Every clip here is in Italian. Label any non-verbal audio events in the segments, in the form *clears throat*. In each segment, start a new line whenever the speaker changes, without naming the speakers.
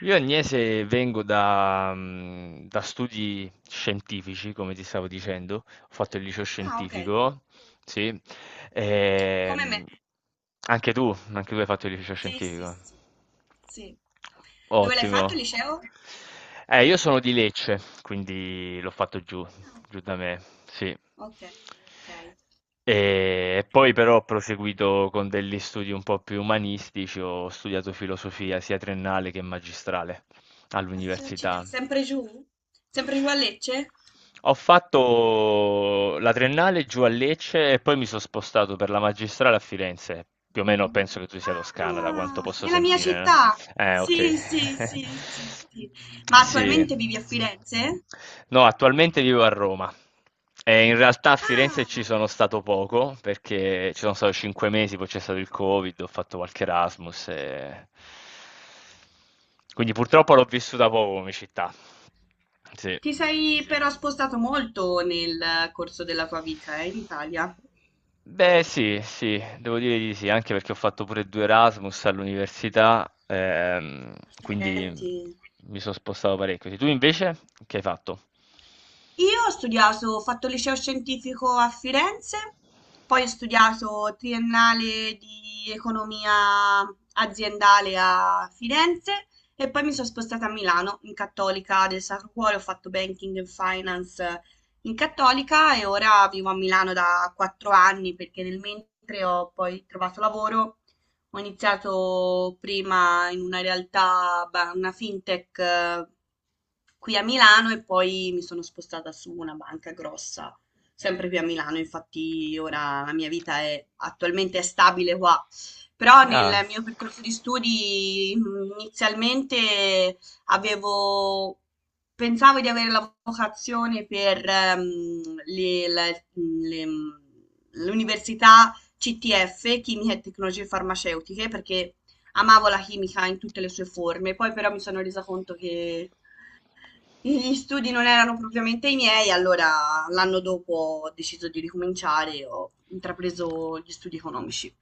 Io Agnese vengo da, da studi scientifici, come ti stavo dicendo, ho fatto il liceo
Ah, ok.
scientifico, sì.
Come me.
Ehm, Anche tu, anche tu hai fatto il liceo
Sì, sì,
scientifico.
sì, sì. Dove l'hai
Ottimo.
fatto il liceo?
Io sono di Lecce, quindi l'ho fatto giù,
Ah,
giù
ok,
da me, sì.
ok. Ok.
E poi però ho proseguito con degli studi un po' più umanistici, ho studiato filosofia sia triennale che magistrale all'università.
Sempre giù? Sempre giù a Lecce?
Ho fatto la triennale giù a Lecce e poi mi sono spostato per la magistrale a Firenze. Più o meno penso che tu sia toscana, da quanto
Ah,
posso
nella mia
sentire, no?
città.
Ok.
Sì, sì, sì, sì, sì.
*laughs*
Ma
Sì.
attualmente vivi a Firenze?
No, attualmente vivo a Roma. E in realtà a Firenze ci
Ah,
sono stato poco, perché ci sono stato cinque mesi, poi c'è stato il Covid, ho fatto qualche Erasmus. Quindi purtroppo l'ho vissuta poco come città. Sì.
ti sei però spostato molto nel corso della tua vita, in Italia.
Beh, sì, sì, devo dire di sì, anche perché ho fatto pure due Erasmus all'università, quindi
Accidenti.
mi sono spostato parecchio. Sì, tu invece che hai fatto?
Io ho studiato, ho fatto il liceo scientifico a Firenze, poi ho studiato triennale di economia aziendale a Firenze e poi mi sono spostata a Milano in Cattolica del Sacro Cuore, ho fatto banking and finance in Cattolica e ora vivo a Milano da 4 anni perché nel mentre ho poi trovato lavoro. Ho iniziato prima in una realtà, una fintech, qui a Milano e poi mi sono spostata su una banca grossa, sempre qui a Milano. Infatti ora la mia vita è attualmente è stabile qua. Però nel
Ah,
mio percorso di studi inizialmente avevo, pensavo di avere la vocazione per le- l'università CTF, Chimica e Tecnologie Farmaceutiche, perché amavo la chimica in tutte le sue forme. Poi però mi sono resa conto che gli studi non erano propriamente i miei, allora l'anno dopo ho deciso di ricominciare e ho intrapreso gli studi economici.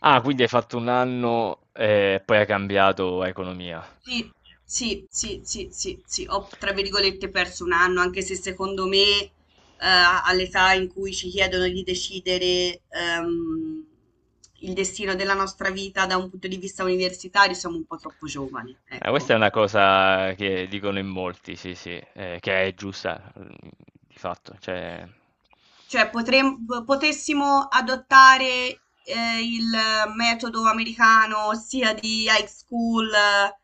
ah, quindi hai fatto un anno e poi hai cambiato a economia.
Sì, sì, sì, sì, sì, sì, ho tra virgolette perso un anno, anche se secondo me all'età in cui ci chiedono di decidere il destino della nostra vita da un punto di vista universitario siamo un po' troppo giovani,
Questa
ecco.
è una cosa che dicono in molti, sì, sì, che è giusta, mm, di fatto, cioè...
Cioè potrem p potessimo adottare, il metodo americano ossia di high school,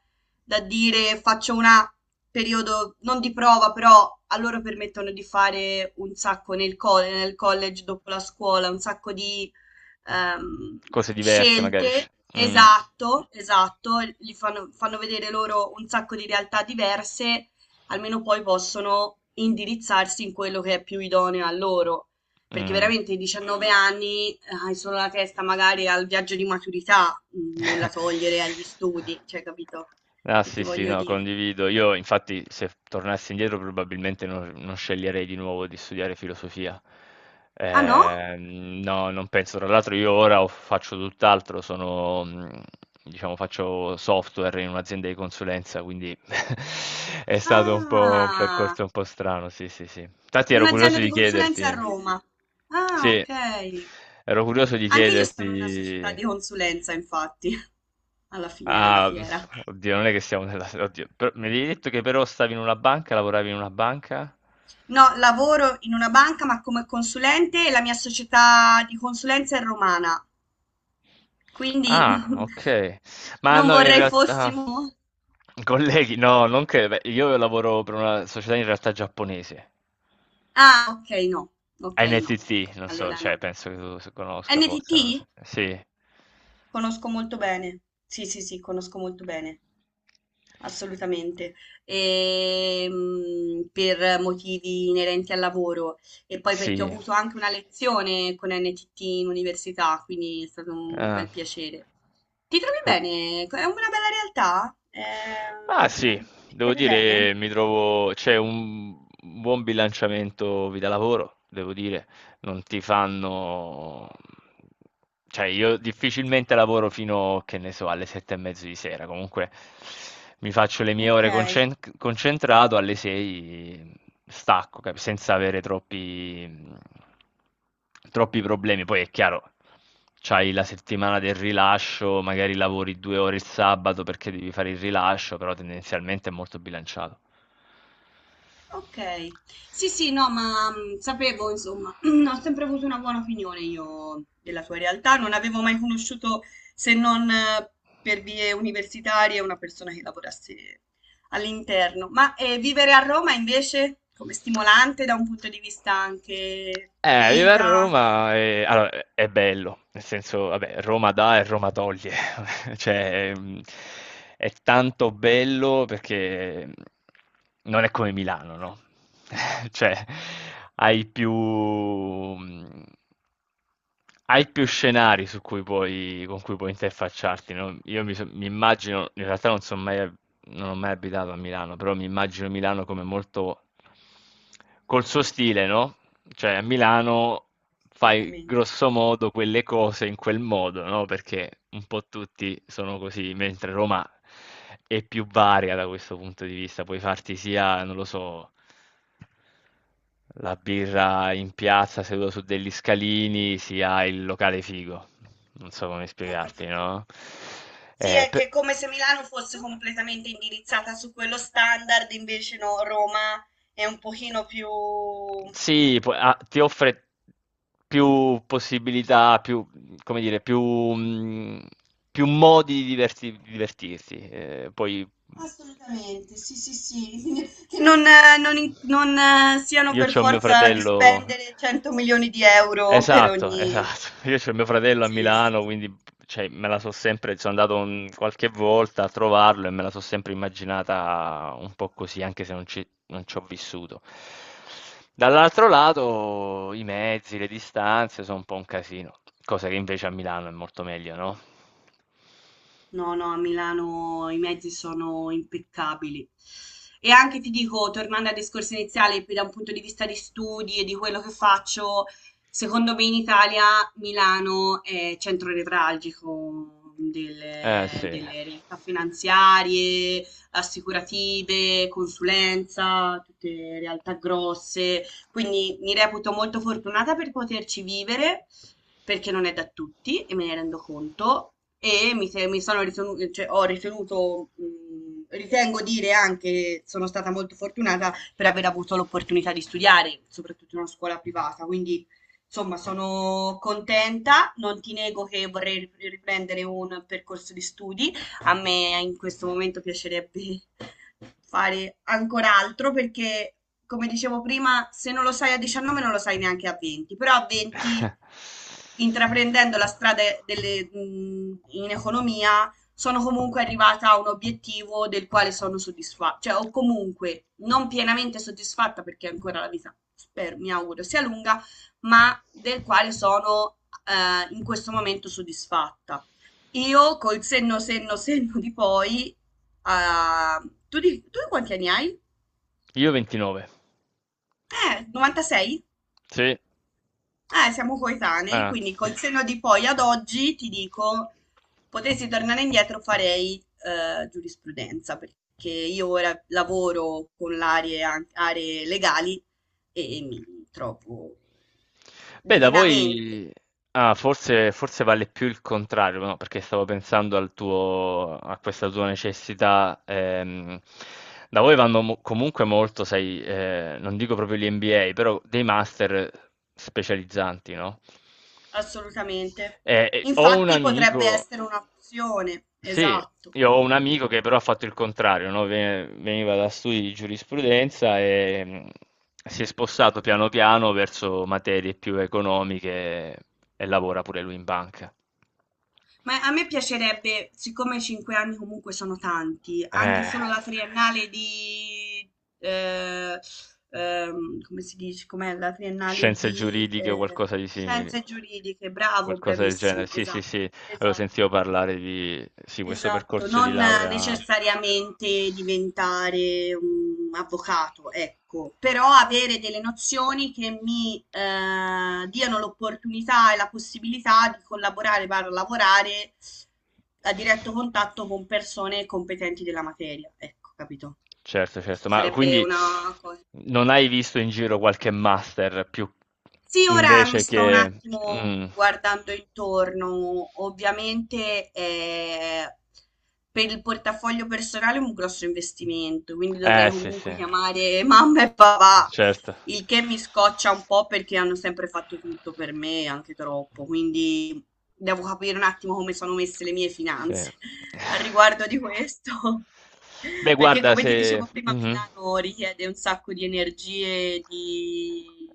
da dire faccio una periodo non di prova, però a loro permettono di fare un sacco nel college dopo la scuola, un sacco di, ehm,
Cose diverse, magari.
scelte.
Mm.
Esatto, esatto, gli fanno vedere loro un sacco di realtà diverse almeno poi possono indirizzarsi in quello che è più idoneo a loro. Perché
Mm.
veramente i 19 anni hai solo la testa magari al viaggio di maturità, nulla togliere
*laughs*
agli studi, cioè capito
Ah
che
sì,
ti
sì,
voglio
no,
dire.
condivido. Io infatti se tornassi indietro probabilmente non sceglierei di nuovo di studiare filosofia.
Ah no?
No, non penso. Tra l'altro io ora faccio tutt'altro, sono, diciamo, faccio software in un'azienda di consulenza, quindi *laughs* è stato un po' un
Ah,
percorso un po' strano, sì, sì, sì. Infatti ero
un'azienda
curioso
di
di
consulenza a
chiederti,
Roma. Ah,
sì,
ok.
ero curioso di
Anche io sono in una società
chiederti...
di consulenza, infatti, *laughs* alla fine della
Ah,
fiera.
oddio, non è che siamo nella... Oddio, mi avevi detto che però stavi in una banca, lavoravi in una banca?
No, lavoro in una banca ma come consulente e la mia società di consulenza è romana, quindi
Ah,
*laughs*
ok. Ma
non
no, in
vorrei
realtà...
fossimo...
Colleghi, no, non che... Beh, io lavoro per una società in realtà giapponese.
Ah, ok, no, ok, no.
NTT, non so,
Allora
cioè,
no.
penso che tu conosca forse, non lo so.
NTT?
Sì.
Conosco molto bene. Sì, sì, sì, conosco molto bene. Assolutamente. Per motivi inerenti al lavoro e poi perché ho
Sì.
avuto anche una lezione con NTT in università, quindi è stato un
Ah.
bel piacere. Ti trovi bene? È una bella realtà? Eh,
Ah
eh,
sì,
ti
devo
trovi bene?
dire, mi trovo, c'è un buon bilanciamento vita-lavoro, devo dire, non ti fanno... Cioè, io difficilmente lavoro fino, che ne so, alle sette e mezzo di sera. Comunque mi faccio le mie
Ok.
ore concentrato, alle sei stacco, senza avere troppi, troppi problemi. Poi è chiaro, c'hai la settimana del rilascio, magari lavori due ore il sabato perché devi fare il rilascio, però tendenzialmente è molto bilanciato.
Okay. Sì, sì, no, ma, sapevo insomma, *clears throat* ho sempre avuto una buona opinione io della sua realtà, non avevo mai conosciuto, se non per vie universitarie, una persona che lavorasse all'interno. Ma, vivere a Roma invece come stimolante da un punto di vista anche di
Vivere a
vita?
Roma è è bello, nel senso, vabbè, Roma dà e Roma toglie, *laughs* cioè, mhmm, è tanto bello perché, mhmm, non è come Milano, no, *laughs* cioè, hai più mhmm, hai più scenari su cui puoi con cui puoi interfacciarti, no, io mi so mi immagino in realtà non ho mai abitato a Milano, però mi immagino Milano come molto col suo stile, no? Cioè a Milano fai
Assolutamente.
grosso modo quelle cose in quel modo, no? Perché un po' tutti sono così, mentre Roma è più varia da questo punto di vista. Puoi farti sia, non lo so, la birra in piazza seduto su degli scalini, sia il locale figo. Non so come
Ho
spiegarti,
capito.
no?
Sì,
Eh,
è che
pe-
è come se Milano fosse completamente indirizzata su quello standard, invece no, Roma è un pochino più.
Ti offre più possibilità, più, come dire, più, più modi di divertirsi. Poi
Assolutamente, sì, sì, sì, *laughs* che non siano
io
per
c'ho mio
forza di
fratello.
spendere 100 milioni di euro per
Esatto,
ogni...
esatto. *laughs* Io c'ho mio fratello a
Sì, sì,
Milano, quindi cioè, me la so sempre, sono andato qualche volta a trovarlo e me la so sempre immaginata un po' così, anche se non ci ho vissuto. Dall'altro lato, i mezzi, le distanze sono un po' un casino, cosa che invece a Milano è molto meglio, no?
no, no, a Milano i mezzi sono impeccabili. E anche ti dico, tornando al discorso iniziale, più da un punto di vista di studi e di quello che faccio, secondo me in Italia Milano è centro nevralgico
Eh
delle,
sì.
delle realtà finanziarie, assicurative, consulenza, tutte realtà grosse. Quindi mi reputo molto fortunata per poterci vivere perché non è da tutti e me ne rendo conto e mi, se- mi sono ritenuto, cioè, ho ritenuto, ritengo dire anche, sono stata molto fortunata per aver avuto l'opportunità di studiare, soprattutto in una scuola privata, quindi insomma sono contenta, non ti nego che vorrei riprendere un percorso di studi, a me in questo momento piacerebbe *laughs* fare ancora altro perché, come dicevo prima, se non lo sai a 19 non lo sai neanche a 20, però a 20
*laughs*
intraprendendo la strada in economia, sono comunque arrivata a un obiettivo del quale sono soddisfatta, cioè o comunque non pienamente soddisfatta perché ancora la vita, spero, mi auguro, sia lunga, ma del quale sono in questo momento soddisfatta. Io col senno di poi, tu quanti anni hai?
Io 29.
96?
Sì.
Siamo coetanei,
Ah.
quindi col senno di poi ad oggi ti dico, potessi tornare indietro farei giurisprudenza, perché io ora lavoro con aree legali e mi trovo
Beh, da
divinamente,
voi ah, forse, forse vale più il contrario, no? Perché stavo pensando al tuo, a questa tua necessità, da voi vanno comunque molto, sai, non dico proprio gli MBA, però dei master specializzanti, no?
assolutamente.
Ho un
Infatti potrebbe
amico,
essere un'opzione,
sì,
esatto.
io ho un amico che però ha fatto il contrario, no? Veniva da studi di giurisprudenza e si è spostato piano piano verso materie più economiche e lavora pure lui in banca.
Ma a me piacerebbe, siccome 5 anni comunque sono tanti, anche
Eh.
solo la triennale di... eh, come si dice? Com'è la triennale
Scienze
di
giuridiche o qualcosa di simile.
scienze giuridiche? Bravo,
Qualcosa del genere.
bravissimo,
Sì, sì,
esatto,
sì, avevo sentito
esatto.
parlare di sì, questo
Esatto,
percorso di
non
laurea.
necessariamente diventare un avvocato, ecco, però avere delle nozioni che mi diano l'opportunità e la possibilità di collaborare, barra lavorare a diretto contatto con persone competenti della materia, ecco, capito?
Certo, certo, ma
Sarebbe
quindi
una cosa.
non hai visto in giro qualche master più
Sì, ora mi
invece
sto un
che... Mm.
attimo guardando intorno. Ovviamente per il portafoglio personale è un grosso investimento, quindi dovrei
Eh sì,
comunque
sì,
chiamare mamma e papà
certo.
il che mi scoccia un po' perché hanno sempre fatto tutto per me, anche troppo, quindi devo capire un attimo come sono messe le mie
Sì.
finanze *laughs* a
*laughs*
riguardo di questo.
Beh
*laughs* Perché
guarda
come ti
se
dicevo prima,
mh-mh.
Milano richiede un sacco di energie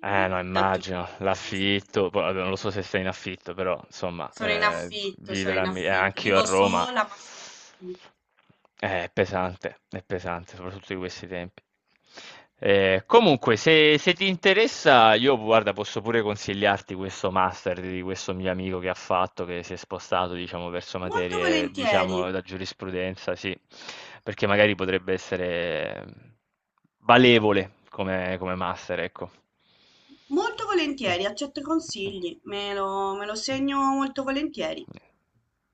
Eh no,
da tutti i
immagino,
punti di vista.
l'affitto, poi vabbè, non lo so se sei in affitto, però insomma,
Sono in affitto, sono
vivere
in
a Milano,
affitto.
anch'io a
Vivo
Roma,
sola, ma sono in affitto.
è pesante, soprattutto in questi tempi. Comunque, se, se ti interessa, io guarda, posso pure consigliarti questo master di questo mio amico che ha fatto, che si è spostato, diciamo, verso
Molto
materie,
volentieri,
diciamo, da giurisprudenza, sì, perché magari potrebbe essere. Valevole come master, ecco.
molto
Mh.
volentieri, accetto i
Mh.
consigli, me lo segno molto volentieri.
Mh.